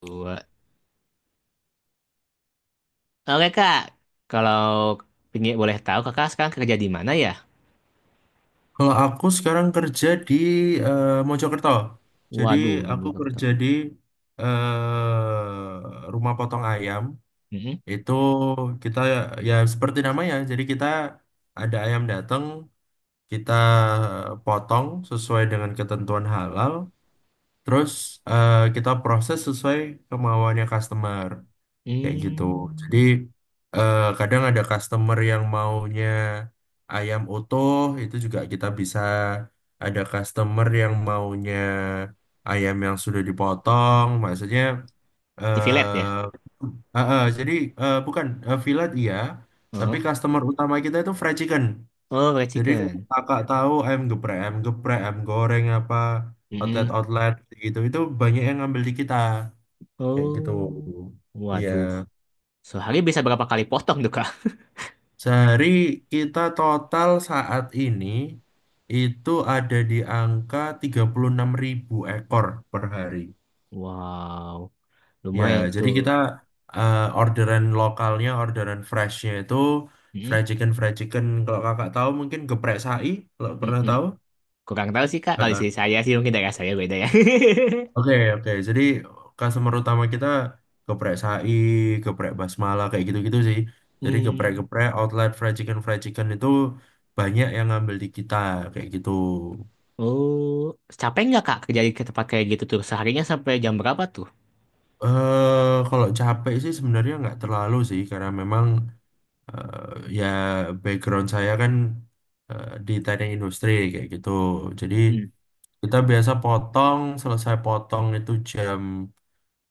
Dua. Oke kak, kalau pingin boleh tahu kakak sekarang kerja di mana ya? Kalau aku sekarang kerja di Mojokerto. Jadi Waduh, di aku mana kerja tahu? di rumah potong ayam. Mm-mm. Itu kita ya seperti namanya. Jadi kita ada ayam datang, kita potong sesuai dengan ketentuan halal. Terus kita proses sesuai kemauannya customer kayak gitu. Jadi Hmm. Kadang ada customer yang maunya ayam utuh itu juga kita bisa, ada customer yang maunya ayam yang sudah dipotong, maksudnya Di Villette ya? eh jadi bukan fillet iya, tapi Oh, customer utama kita itu fried chicken. oh fried Jadi kalau chicken. kakak tahu ayam geprek, ayam geprek, ayam goreng apa Mm-mm. outlet-outlet gitu itu banyak yang ngambil di kita kayak gitu. Oh, Iya. waduh. Sehari bisa berapa kali potong tuh kak? Sehari kita total saat ini itu ada di angka 36.000 ekor per hari. Wow, Ya, lumayan jadi tuh. kita orderan lokalnya, orderan freshnya itu Mm-mm. fried chicken, fried chicken. Kalau kakak tahu mungkin geprek sai, kalau pernah Mm-mm. tahu. Kurang tahu sih kak, kalau sih Heeh. saya sih mungkin daerah saya beda ya. Oke, oke. Jadi customer utama kita geprek sai, geprek basmala, kayak gitu-gitu sih. Jadi Hmm. geprek-geprek, outlet fried chicken itu banyak yang ngambil di kita, kayak gitu. Oh, capek nggak kak kerja di tempat kayak gitu tuh? Seharinya sampai jam berapa tuh? Kalau capek sih sebenarnya nggak terlalu sih karena memang ya background saya kan di teknik industri kayak gitu. Jadi Hmm. kita biasa potong, selesai potong itu jam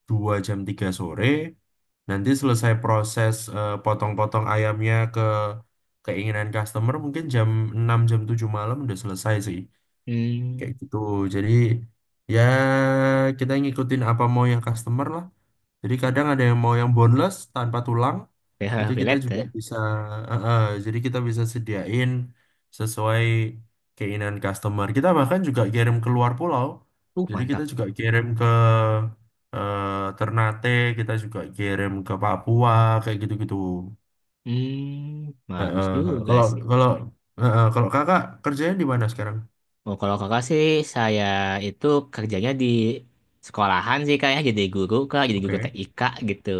2 jam 3 sore. Nanti selesai proses potong-potong ayamnya ke keinginan customer mungkin jam 6 jam 7 malam udah selesai sih, kayak Hmm. gitu. Jadi ya kita ngikutin apa mau yang customer lah. Jadi kadang ada yang mau yang boneless tanpa tulang, PH itu kita Villette juga ya. bisa. eh, eh, jadi kita bisa sediain sesuai keinginan customer, kita bahkan juga kirim keluar pulau. Jadi kita Mantap. juga kirim ke eh, Ternate, kita juga kirim ke Papua, kayak gitu-gitu. Hmm, bagus Eh. juga Kalau sih. kalau kalau kakak kerjanya di mana sekarang? Oh, kalau kakak sih, saya itu kerjanya di sekolahan sih kak ya, jadi guru kak, jadi guru Oke. TIK gitu.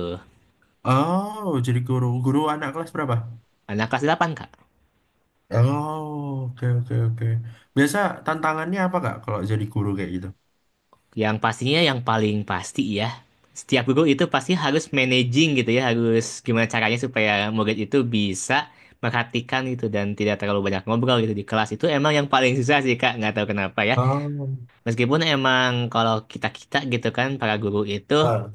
Oh, jadi guru. Guru anak kelas berapa? Anak kelas 8 kak. Oh, oke, oke, oke. Biasa tantangannya apa, Kak, kalau jadi guru kayak gitu? Yang pastinya yang paling pasti ya, setiap guru itu pasti harus managing gitu ya, harus gimana caranya supaya murid itu bisa perhatikan gitu dan tidak terlalu banyak ngobrol gitu di kelas itu emang yang paling susah sih kak, nggak tahu kenapa ya. Oh, Meskipun emang kalau kita-kita gitu kan, para guru itu ah.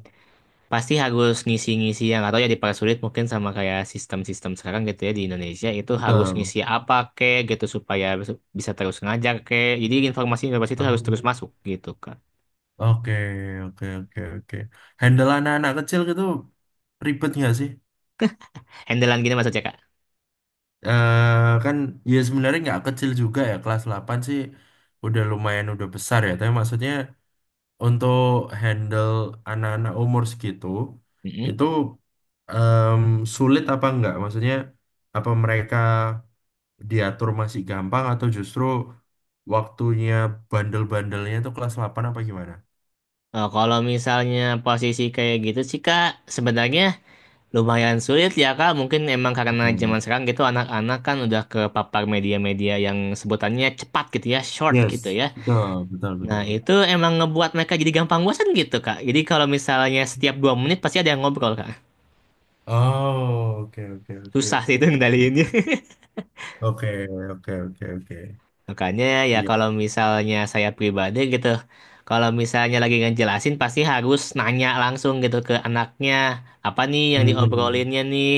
pasti harus ngisi-ngisi yang atau ya dipersulit mungkin sama kayak sistem-sistem sekarang gitu ya di Indonesia itu harus Betul. ngisi apa kek gitu supaya bisa terus ngajar kek jadi informasi-informasi itu harus terus Oh, masuk gitu kak. oke, oke, oke, oke. Handle anak-anak kecil gitu ribet nggak sih? Handlean gini maksudnya kak. Kan ya sebenarnya nggak kecil juga ya, kelas 8 sih udah lumayan udah besar ya, tapi maksudnya untuk handle anak-anak umur segitu Mm-mm. itu, em, sulit apa enggak? Maksudnya apa mereka diatur masih gampang atau justru waktunya bandel-bandelnya itu kelas 8 apa gimana? Oh, kalau misalnya posisi kayak gitu sih kak, sebenarnya lumayan sulit ya kak, mungkin emang karena Oke. zaman sekarang gitu anak-anak kan udah ke papar media-media yang sebutannya cepat gitu ya, short gitu Yes, ya. betul, betul, Nah, betul. itu emang ngebuat mereka jadi gampang bosan gitu, Kak. Jadi kalau misalnya setiap dua menit pasti ada yang ngobrol, Kak. Oh, oke, oke, oke, Susah sih itu oke. ngendaliinnya. Oke, oke, oke, oke. Makanya ya Iya. kalau misalnya saya pribadi gitu, kalau misalnya lagi ngejelasin pasti harus nanya langsung gitu ke anaknya, apa nih yang Hmm. diobrolinnya nih,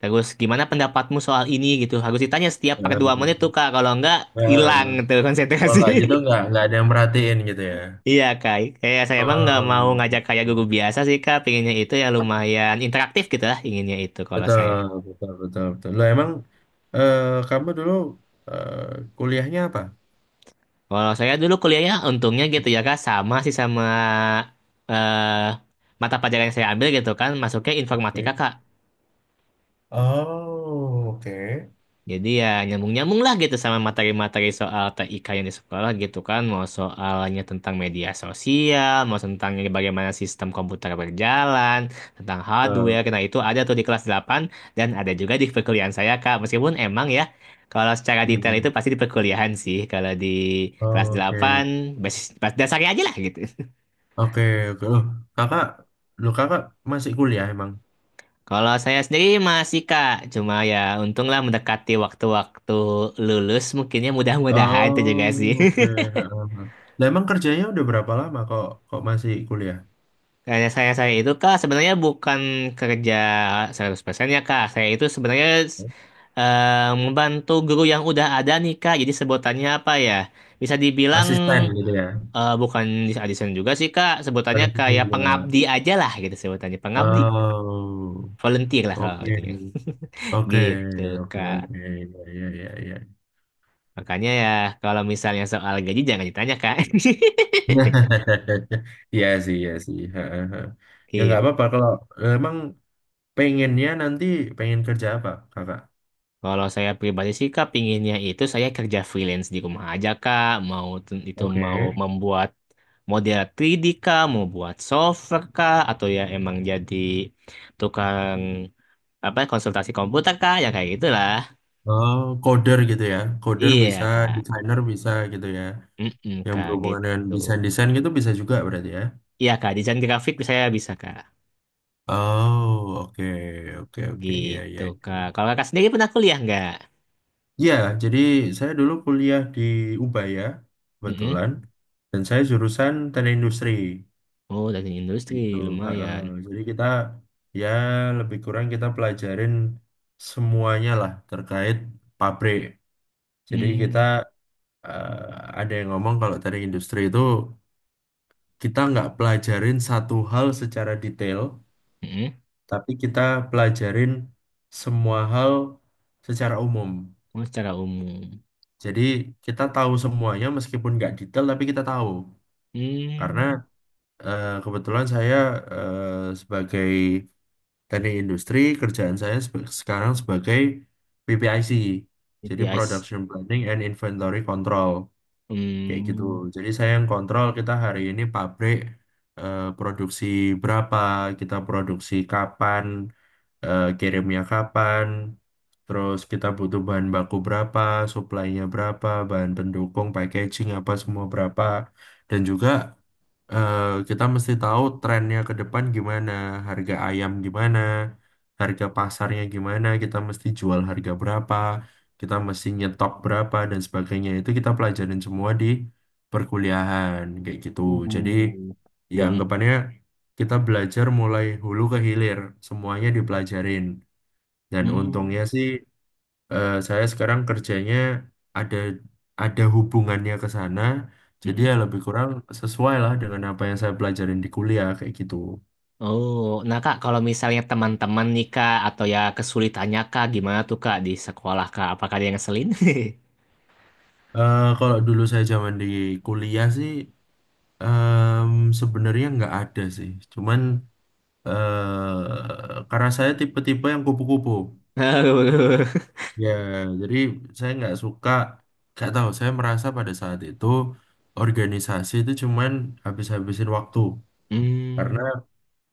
terus gimana pendapatmu soal ini gitu. Harus ditanya setiap Ya, per dua ya. menit tuh, Kak. Kalau enggak, Ya. hilang tuh Kalau konsentrasi. nggak gitu nggak ada yang merhatiin gitu ya. Iya kak, kayak saya emang nggak mau ngajak kayak guru biasa sih kak, pinginnya itu ya Oh. lumayan interaktif gitu lah inginnya itu kalau saya. Betul, betul, betul, betul. Loh, emang eh, kamu dulu eh, kuliahnya apa? Kalau saya dulu kuliahnya untungnya gitu ya kak, sama sih sama eh mata pelajaran yang saya ambil gitu kan, masuknya informatika Oke. kak. Oh, oke. Jadi ya nyambung-nyambung lah gitu sama materi-materi soal TIK yang di sekolah gitu kan. Mau soalnya tentang media sosial, mau tentang bagaimana sistem komputer berjalan, tentang Betul. hardware. Nah itu ada tuh di kelas 8 dan ada juga di perkuliahan saya Kak. Meskipun emang ya kalau secara detail itu Mm-mm. pasti di perkuliahan sih. Kalau di kelas Oh, oke, 8 dasarnya aja lah gitu. oke, oke. Kakak, loh kakak masih kuliah emang? Kalau saya sendiri masih Kak, cuma ya untunglah mendekati waktu-waktu lulus mungkinnya mudah-mudahan itu juga Oh, sih. oke. Ha, ha, ha. Lah, emang kerjanya udah berapa lama kok kok masih kuliah? Karya saya itu kak sebenarnya bukan kerja 100% ya kak. Saya itu sebenarnya eh, membantu guru yang udah ada nih kak. Jadi sebutannya apa ya? Bisa dibilang Asisten gitu ya? Bukan desain juga sih kak. Pada Sebutannya asisten kayak juga. pengabdi aja lah gitu sebutannya. Pengabdi. Oh, Volunteer lah kalau oke, itunya. oke, Gitu oke, kak. oke. Ya, ya, ya, ya. Makanya ya kalau misalnya soal gaji jangan ditanya kak. Iya sih, iya sih. Heeh, heeh. Ya nggak Gitu. apa-apa kalau emang pengennya nanti pengen kerja apa, Kakak? Kalau saya pribadi sih Kak, pinginnya itu saya kerja freelance di rumah aja Kak. Itu mau Oke. membuat model 3D Kak, mau buat software Kak, atau ya emang jadi tukang apa konsultasi komputer Kak, ya kayak gitulah. Oh, coder gitu ya. Coder bisa, Iya Kak, desainer bisa gitu ya. mm Yang Kak berhubungan dengan gitu. desain-desain gitu bisa juga berarti ya. Iya Kak, desain grafik saya bisa Kak. Oh, oke, oke, oke. Iya, Gitu iya. Kak. Iya. Kalau Kakak sendiri pernah kuliah nggak? Ya, jadi saya dulu kuliah di Ubaya, Mm-mm. kebetulan. Dan saya jurusan teknik industri, Oh, dari industri gitu. Heeh. lumayan. Jadi kita ya lebih kurang kita pelajarin semuanya lah terkait pabrik. Jadi kita Hmm, ada yang ngomong kalau dari industri itu kita nggak pelajarin satu hal secara detail, mm-mm. tapi kita pelajarin semua hal secara umum. Oh, secara umum. Jadi kita tahu semuanya meskipun nggak detail tapi kita tahu. Karena Hmm. Kebetulan saya sebagai Teknik industri, kerjaan saya sekarang sebagai PPIC, jadi API. Production Planning and Inventory Control, kayak gitu. Hmm. Jadi saya yang kontrol kita hari ini pabrik produksi berapa, kita produksi kapan, kirimnya kapan, terus kita butuh bahan baku berapa, supply-nya berapa, bahan pendukung, packaging apa semua berapa, dan juga eh, kita mesti tahu trennya ke depan gimana, harga ayam gimana, harga pasarnya gimana, kita mesti jual harga berapa, kita mesti nyetok berapa dan sebagainya. Itu kita pelajarin semua di perkuliahan kayak gitu. Jadi Uh. ya Hmm. anggapannya kita belajar mulai hulu ke hilir, semuanya dipelajarin. Dan untungnya Hmm. sih saya sekarang kerjanya ada ada hubungannya ke sana. Jadi ya Mm-mm. lebih kurang sesuai lah dengan apa yang saya pelajarin di kuliah kayak gitu. Oh, nah Kak, kalau misalnya teman-teman nih Kak, atau ya kesulitannya Kak, gimana tuh Kak di sekolah Kak? Apakah ada yang ngeselin? Kalau dulu saya zaman di kuliah sih, em, sebenarnya nggak ada sih. Cuman karena saya tipe-tipe yang kupu-kupu. Aduh. Ya, jadi saya nggak suka, nggak tahu. Saya merasa pada saat itu organisasi itu cuman habis-habisin waktu. Karena Hmm.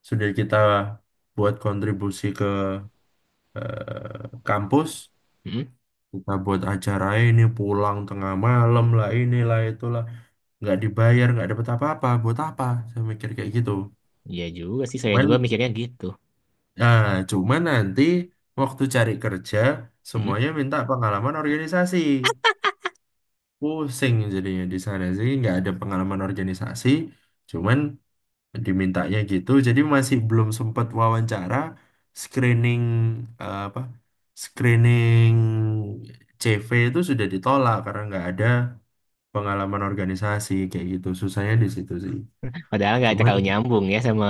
sudah kita buat kontribusi ke kampus, Hmm, mm. kita buat acara ini pulang tengah malam lah, inilah itulah, nggak dibayar nggak dapet apa-apa buat apa, saya mikir kayak gitu. Iya juga sih, saya Cuman juga mikirnya gitu. ah, cuman nanti waktu cari kerja Mm-mm. semuanya minta pengalaman organisasi, pusing jadinya di sana sih nggak ada pengalaman organisasi, cuman dimintanya gitu. Jadi masih belum sempat wawancara, screening, apa screening CV itu sudah ditolak karena nggak ada pengalaman organisasi, kayak gitu, susahnya di situ sih. Padahal nggak Cuman terlalu nyambung ya sama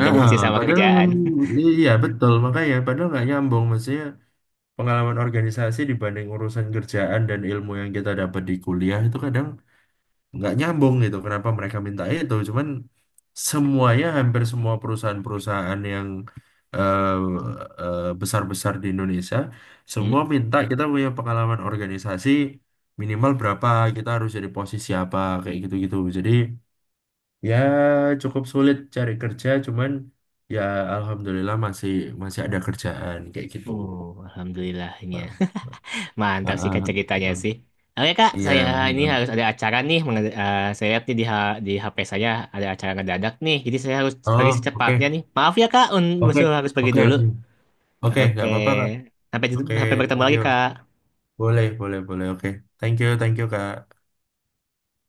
ah, ah, sama padahal, kerjaan. iya betul makanya padahal nggak nyambung, maksudnya pengalaman organisasi dibanding urusan kerjaan dan ilmu yang kita dapat di kuliah itu kadang nggak nyambung gitu, kenapa mereka minta itu. Cuman semuanya hampir semua perusahaan-perusahaan yang eh, besar-besar di Indonesia semua minta kita punya pengalaman organisasi, minimal berapa kita harus jadi posisi apa kayak gitu-gitu. Jadi ya cukup sulit cari kerja, cuman ya alhamdulillah masih masih ada kerjaan kayak gitu. Oh, alhamdulillahnya. Ah, ah, Mantap sih Kak ah, ceritanya ah. sih. Oke Kak, Iya saya ini harus ah. ada acara nih. Saya lihat nih di, di HP saya ada acara ngedadak nih. Jadi saya harus pergi Oh, oke, secepatnya nih. Maaf ya Kak, oke, harus pergi oke, dulu. oke. Oke, Oke. nggak apa-apa Kak. Sampai, Oke, Sampai bertemu thank lagi you. Kak. Boleh, boleh, boleh. Oke, thank you, thank you, Kak.